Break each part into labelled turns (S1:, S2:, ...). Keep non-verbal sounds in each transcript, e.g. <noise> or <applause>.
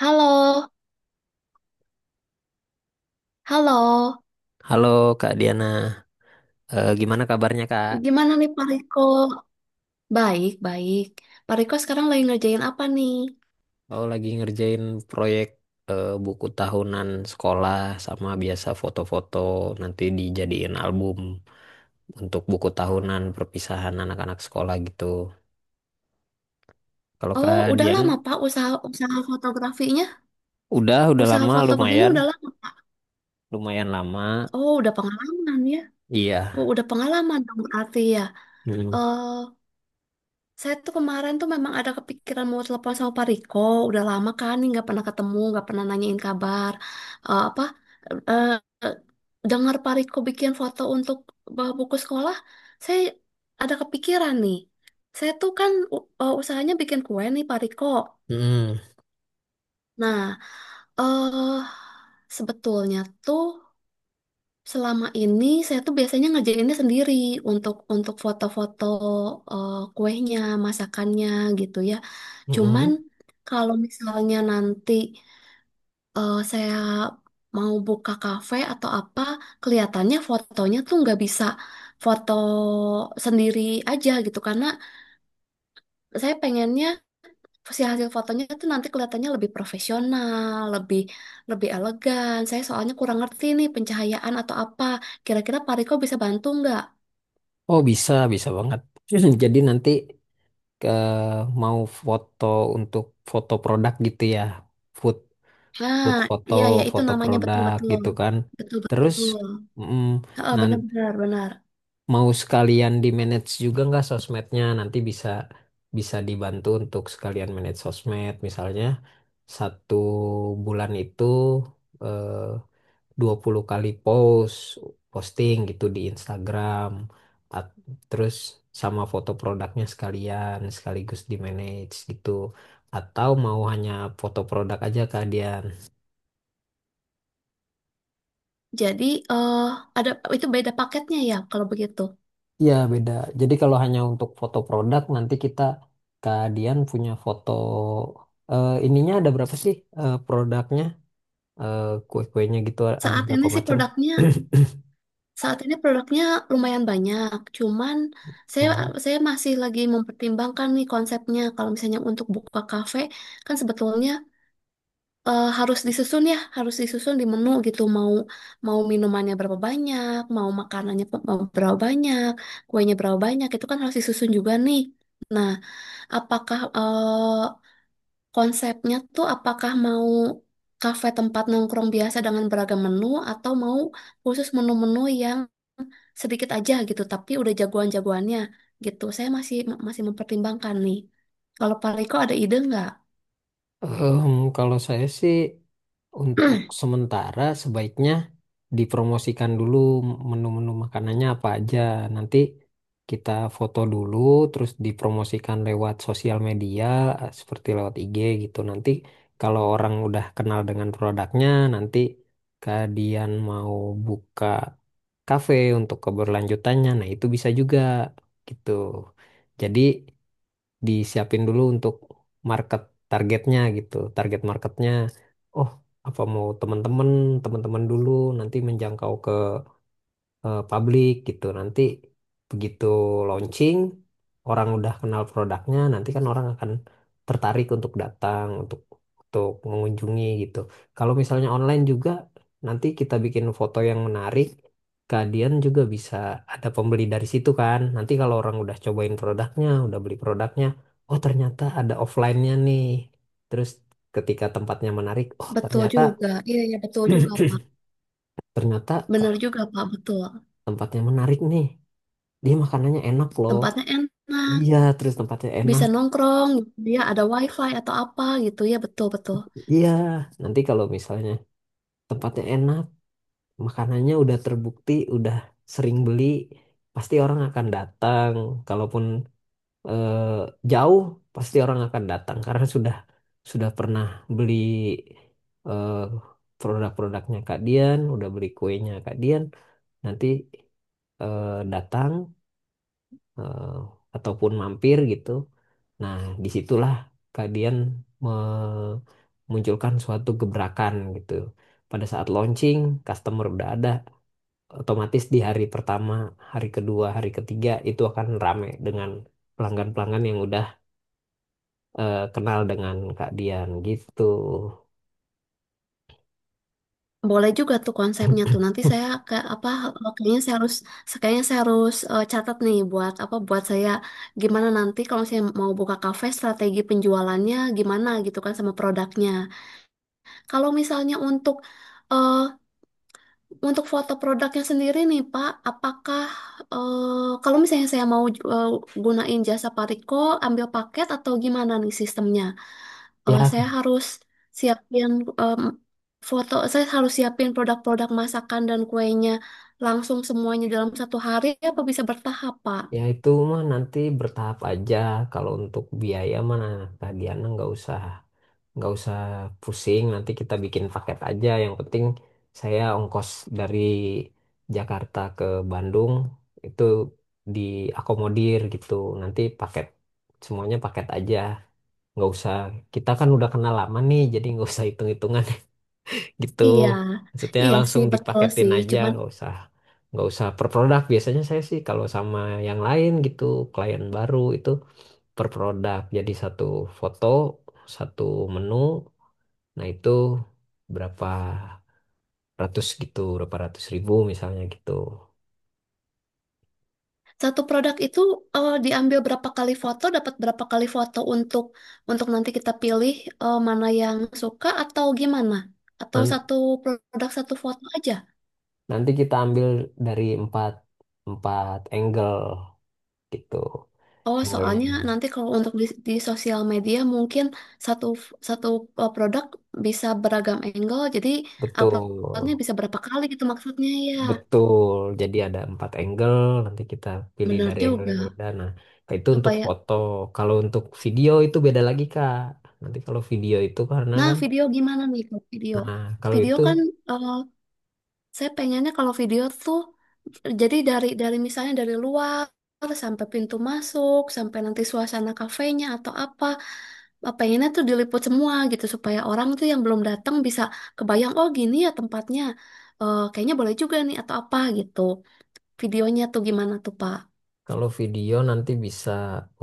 S1: Halo, halo.
S2: Halo Kak Diana. Gimana kabarnya, Kak?
S1: Gimana nih Pak Riko? Baik, baik. Pak Riko sekarang lagi ngerjain apa nih?
S2: Aku lagi ngerjain proyek, buku tahunan sekolah, sama biasa foto-foto nanti dijadiin album untuk buku tahunan perpisahan anak-anak sekolah gitu. Kalau
S1: Oh,
S2: Kak
S1: udah
S2: Dian,
S1: lama Pak usaha usaha fotografinya.
S2: udah
S1: Usaha
S2: lama
S1: foto begini
S2: lumayan,
S1: udah lama.
S2: lumayan lama.
S1: Oh, udah pengalaman ya.
S2: Iya.
S1: Oh, udah pengalaman dong berarti ya.
S2: Mm.
S1: Eh, Saya tuh kemarin tuh memang ada kepikiran mau telepon sama Pak Riko. Udah lama kan nih nggak pernah ketemu, nggak pernah nanyain kabar. Apa? eh eh, Dengar Pak Riko bikin foto untuk bawa buku sekolah, saya ada kepikiran nih. Saya tuh kan usahanya bikin kue nih Pak Riko.
S2: Mm.
S1: Nah, eh sebetulnya tuh. Selama ini saya tuh biasanya ngerjainnya sendiri untuk foto-foto kuehnya, masakannya gitu ya. Cuman
S2: Mm.
S1: kalau misalnya nanti saya mau buka kafe atau apa, kelihatannya fotonya tuh nggak bisa foto sendiri aja gitu karena saya pengennya si hasil fotonya itu nanti kelihatannya lebih profesional, lebih lebih elegan. Saya soalnya kurang ngerti nih pencahayaan atau apa. Kira-kira Pak Riko bisa bantu nggak?
S2: Oh, bisa bisa banget. <clears throat> Jadi nanti ke mau foto untuk foto produk gitu ya. Food.
S1: Nah,
S2: Buat foto,
S1: iya ya itu
S2: foto
S1: namanya
S2: produk
S1: betul-betul.
S2: gitu kan. Terus
S1: Betul-betul.
S2: mm,
S1: Heeh,
S2: nan-
S1: benar-benar benar.
S2: mau sekalian di manage juga nggak sosmednya? Nanti bisa bisa dibantu untuk sekalian manage sosmed. Misalnya satu bulan itu eh, 20 kali posting gitu di Instagram. At- Terus sama foto produknya sekalian sekaligus di manage gitu. Atau mau hanya foto produk aja kalian.
S1: Jadi eh ada itu beda paketnya ya kalau begitu.
S2: Iya, beda. Jadi kalau hanya untuk foto produk, nanti kita keadian punya foto, ininya ada berapa sih, produknya. Kue-kuenya gitu ada
S1: Saat
S2: berapa
S1: ini sih
S2: macam?
S1: produknya
S2: <clears throat>
S1: saat ini produknya lumayan banyak. Cuman saya
S2: Hmm.
S1: saya masih lagi mempertimbangkan nih konsepnya. Kalau misalnya untuk buka kafe kan sebetulnya harus disusun ya, harus disusun di menu gitu. Mau mau minumannya berapa banyak, mau makanannya mau berapa banyak, kuenya berapa banyak, itu kan harus disusun juga nih. Nah, apakah konsepnya tuh apakah mau kafe tempat nongkrong biasa dengan beragam menu atau mau khusus menu-menu yang sedikit aja gitu, tapi udah jagoan-jagoannya gitu. Saya masih masih mempertimbangkan nih. Kalau Pak Riko ada ide nggak?
S2: Em, Kalau saya sih untuk
S1: <clears throat>
S2: sementara sebaiknya dipromosikan dulu menu-menu makanannya apa aja. Nanti kita foto dulu, terus dipromosikan lewat sosial media, seperti lewat IG gitu. Nanti kalau orang udah kenal dengan produknya, nanti kalian mau buka kafe untuk keberlanjutannya. Nah, itu bisa juga gitu. Jadi disiapin dulu untuk market targetnya gitu. Target marketnya, oh, apa mau teman-teman, teman-teman dulu nanti menjangkau ke publik gitu. Nanti begitu launching, orang udah kenal produknya, nanti kan orang akan tertarik untuk datang, untuk mengunjungi gitu. Kalau misalnya online juga, nanti kita bikin foto yang menarik, kalian juga bisa ada pembeli dari situ kan. Nanti kalau orang udah cobain produknya, udah beli produknya, oh, ternyata ada offline-nya nih. Terus ketika tempatnya menarik, oh
S1: Betul
S2: ternyata
S1: juga, iya iya betul juga Pak.
S2: <clears throat> ternyata
S1: Bener
S2: kalau
S1: juga Pak, betul.
S2: tempatnya menarik nih, dia makanannya enak loh,
S1: Tempatnya enak,
S2: iya, terus tempatnya enak,
S1: bisa nongkrong, dia ada wifi atau apa gitu ya, betul-betul.
S2: iya. Nanti kalau misalnya tempatnya enak, makanannya udah terbukti, udah sering beli, pasti orang akan datang. Kalaupun eh, jauh, pasti orang akan datang karena sudah pernah beli, eh, produk-produknya Kak Dian, udah beli kuenya Kak Dian, nanti eh, datang eh, ataupun mampir gitu. Nah, disitulah kalian memunculkan suatu gebrakan gitu. Pada saat launching, customer udah ada, otomatis di hari pertama, hari kedua, hari ketiga itu akan rame dengan pelanggan-pelanggan yang udah kenal dengan Kak Dian gitu.
S1: Boleh juga tuh konsepnya tuh.
S2: <laughs>
S1: Nanti saya ke apa, oh, kayaknya saya harus catat nih buat apa buat saya gimana nanti kalau saya mau buka kafe strategi penjualannya gimana gitu kan sama produknya. Kalau misalnya untuk eh, Untuk foto produknya sendiri nih Pak, apakah kalau misalnya saya mau eh, gunain jasa Pariko, ambil paket atau gimana nih sistemnya? Eh,
S2: Ya,
S1: saya harus siapin em, saya harus siapin produk-produk masakan dan kuenya langsung semuanya dalam satu hari, apa bisa bertahap Pak?
S2: ya itu mah nanti bertahap aja. Kalau untuk biaya mana, Kak Diana nggak usah pusing, nanti kita bikin paket aja. Yang penting saya ongkos dari Jakarta ke Bandung itu diakomodir gitu. Nanti paket, semuanya paket aja, nggak usah, kita kan udah kenal lama nih, jadi nggak usah hitung-hitungan <laughs> gitu,
S1: Iya,
S2: maksudnya
S1: iya sih
S2: langsung
S1: betul
S2: dipaketin
S1: sih.
S2: aja,
S1: Cuman
S2: nggak usah per produk. Biasanya saya sih kalau sama yang lain gitu, klien baru itu per produk, jadi satu foto satu menu. Nah itu berapa ratus gitu, berapa ratus ribu misalnya gitu.
S1: satu produk itu diambil berapa kali foto, dapat berapa kali foto untuk nanti kita pilih mana yang suka atau gimana? Atau
S2: Nan-
S1: satu produk satu foto aja?
S2: Nanti kita ambil dari empat angle gitu.
S1: Oh,
S2: Angle
S1: soalnya nanti kalau untuk di sosial media mungkin satu satu produk bisa beragam angle, jadi
S2: betul,
S1: uploadnya bisa berapa kali gitu maksudnya ya.
S2: betul. Jadi ada empat angle, nanti kita pilih
S1: Benar
S2: dari angle yang
S1: juga.
S2: berbeda. Nah, itu untuk
S1: Supaya
S2: foto. Kalau untuk video itu beda lagi, Kak. Nanti kalau video itu karena
S1: Nah,
S2: kan,
S1: video gimana nih Kak? Video?
S2: nah kalau
S1: Video
S2: itu.
S1: kan eh, Saya pengennya kalau video tuh jadi dari misalnya dari luar sampai pintu masuk, sampai nanti suasana kafenya atau apa, pengennya tuh diliput semua gitu supaya orang tuh yang belum datang bisa kebayang oh gini ya tempatnya. Kayaknya boleh juga nih atau apa gitu. Videonya tuh gimana tuh, Pak?
S2: Kalau video nanti bisa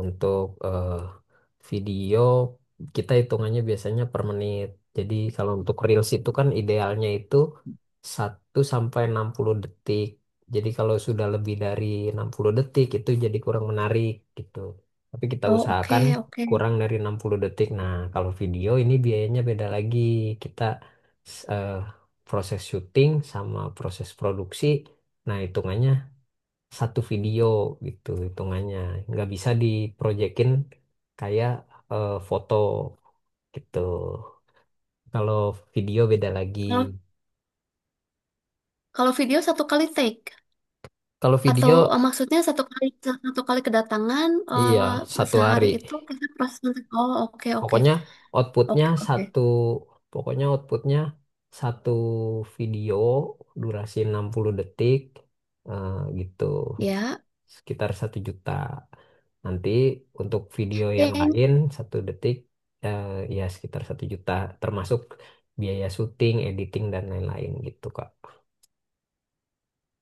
S2: untuk eh, video kita hitungannya biasanya per menit. Jadi kalau untuk Reels itu kan idealnya itu 1 sampai 60 detik. Jadi kalau sudah lebih dari 60 detik itu jadi kurang menarik gitu. Tapi kita
S1: Oh,
S2: usahakan
S1: oke, oke.
S2: kurang dari 60 detik. Nah, kalau video ini biayanya beda lagi. Kita s- eh, proses syuting sama proses produksi. Nah, hitungannya satu video gitu hitungannya nggak bisa diprojekin kayak foto gitu, kalau video beda lagi,
S1: Kalau kalau video satu kali take
S2: kalau
S1: atau
S2: video
S1: maksudnya satu kali kedatangan
S2: iya satu
S1: sehari
S2: hari.
S1: itu kita proses. Oh, oke, oke.
S2: Pokoknya outputnya
S1: Oke, oke.
S2: satu, pokoknya outputnya satu video durasi 60 detik, eh, gitu,
S1: Ya.
S2: sekitar 1 juta. Nanti untuk video yang
S1: Kayak,
S2: lain satu detik, eh, ya sekitar 1 juta, termasuk biaya syuting, editing dan lain-lain gitu, Kak.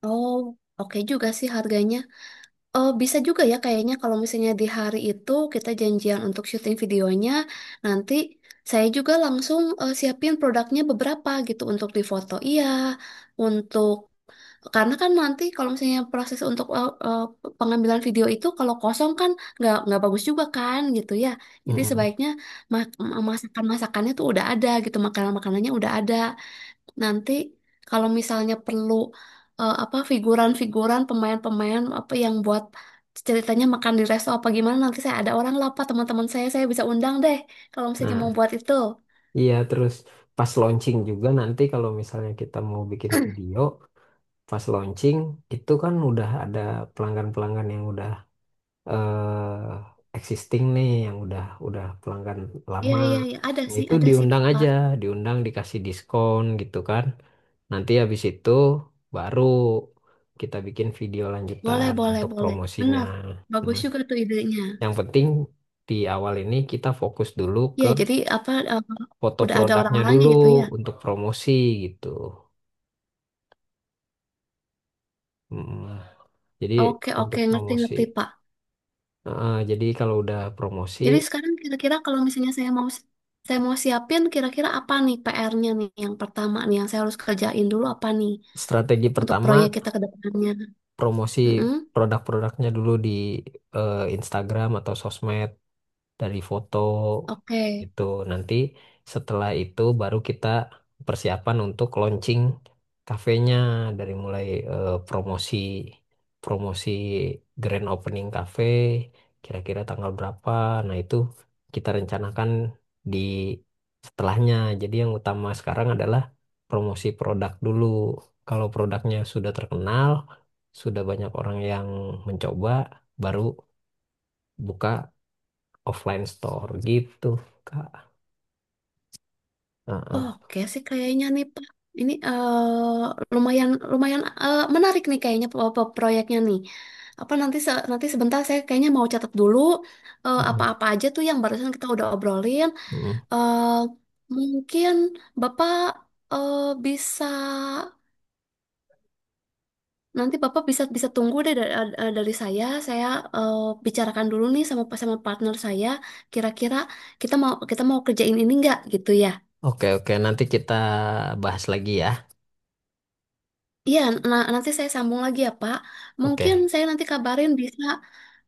S1: oh, oke juga sih harganya. Bisa juga ya kayaknya kalau misalnya di hari itu kita janjian untuk syuting videonya, nanti saya juga langsung siapin produknya beberapa gitu untuk difoto. Iya, untuk karena kan nanti kalau misalnya proses untuk pengambilan video itu kalau kosong kan nggak bagus juga kan gitu ya. Jadi
S2: Mm-mm.
S1: sebaiknya masakan-masakannya tuh udah ada gitu, makanan-makanannya udah ada. Nanti kalau misalnya perlu apa figuran-figuran pemain-pemain apa yang buat ceritanya makan di resto apa gimana nanti saya ada orang lah Pak, teman-teman saya bisa undang deh kalau misalnya
S2: Nah,
S1: mau buat itu.
S2: iya terus pas launching juga nanti kalau misalnya kita mau bikin video pas launching itu kan udah ada pelanggan-pelanggan yang udah existing nih, yang udah pelanggan
S1: Iya
S2: lama.
S1: iya iya
S2: Nah, itu
S1: ada sih
S2: diundang
S1: Pak.
S2: aja, diundang dikasih diskon gitu kan, nanti habis itu baru kita bikin video
S1: Boleh
S2: lanjutan
S1: boleh
S2: untuk
S1: boleh.
S2: promosinya.
S1: Benar. Bagus
S2: Nah,
S1: juga tuh idenya.
S2: yang penting di awal ini kita fokus dulu ke
S1: Iya jadi apa
S2: foto
S1: udah ada
S2: produknya
S1: orang-orangnya
S2: dulu
S1: gitu ya.
S2: untuk promosi gitu. Hmm, jadi
S1: Oke
S2: untuk
S1: oke ngerti
S2: promosi.
S1: ngerti Pak.
S2: Heeh, jadi kalau udah promosi,
S1: Jadi sekarang kira-kira kalau misalnya saya mau siapin kira-kira apa nih PR-nya nih yang pertama nih yang saya harus kerjain dulu apa nih
S2: strategi
S1: untuk proyek
S2: pertama
S1: kita ke depannya.
S2: promosi
S1: Mm-mm.
S2: produk-produknya dulu di Instagram atau sosmed. Dari foto
S1: Oke.
S2: itu, nanti setelah itu baru kita persiapan untuk launching kafenya, dari mulai promosi promosi grand opening cafe kira-kira tanggal berapa. Nah itu kita rencanakan di setelahnya. Jadi yang utama sekarang adalah promosi produk dulu. Kalau produknya sudah terkenal, sudah banyak orang yang mencoba, baru buka offline store gitu, Kak. Heeh.
S1: Oke sih kayaknya nih Pak. Ini lumayan lumayan menarik nih kayaknya proyeknya nih. Apa nanti sebentar saya kayaknya mau catat dulu
S2: Mm-mm.
S1: apa-apa aja tuh yang barusan kita udah obrolin. Eh, Mungkin Bapak eh, bisa. Nanti Bapak bisa bisa tunggu deh dari saya. Saya eh, bicarakan dulu nih sama sama partner saya. Kira-kira kita mau kerjain ini nggak gitu ya?
S2: Oke, oke. Nanti kita bahas lagi ya.
S1: Iya. Nah nanti saya sambung lagi ya Pak. Mungkin
S2: Oke,
S1: saya nanti kabarin bisa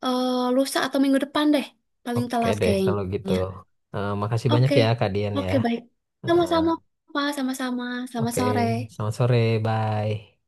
S1: lusa atau minggu depan deh. Paling
S2: oke
S1: telat
S2: deh kalau gitu.
S1: kayaknya.
S2: Makasih banyak
S1: Oke,
S2: ya, Kak Dian ya.
S1: oke baik.
S2: Eh,
S1: Sama-sama Pak. Sama-sama. Selamat
S2: oke,
S1: sore.
S2: selamat sore. Bye.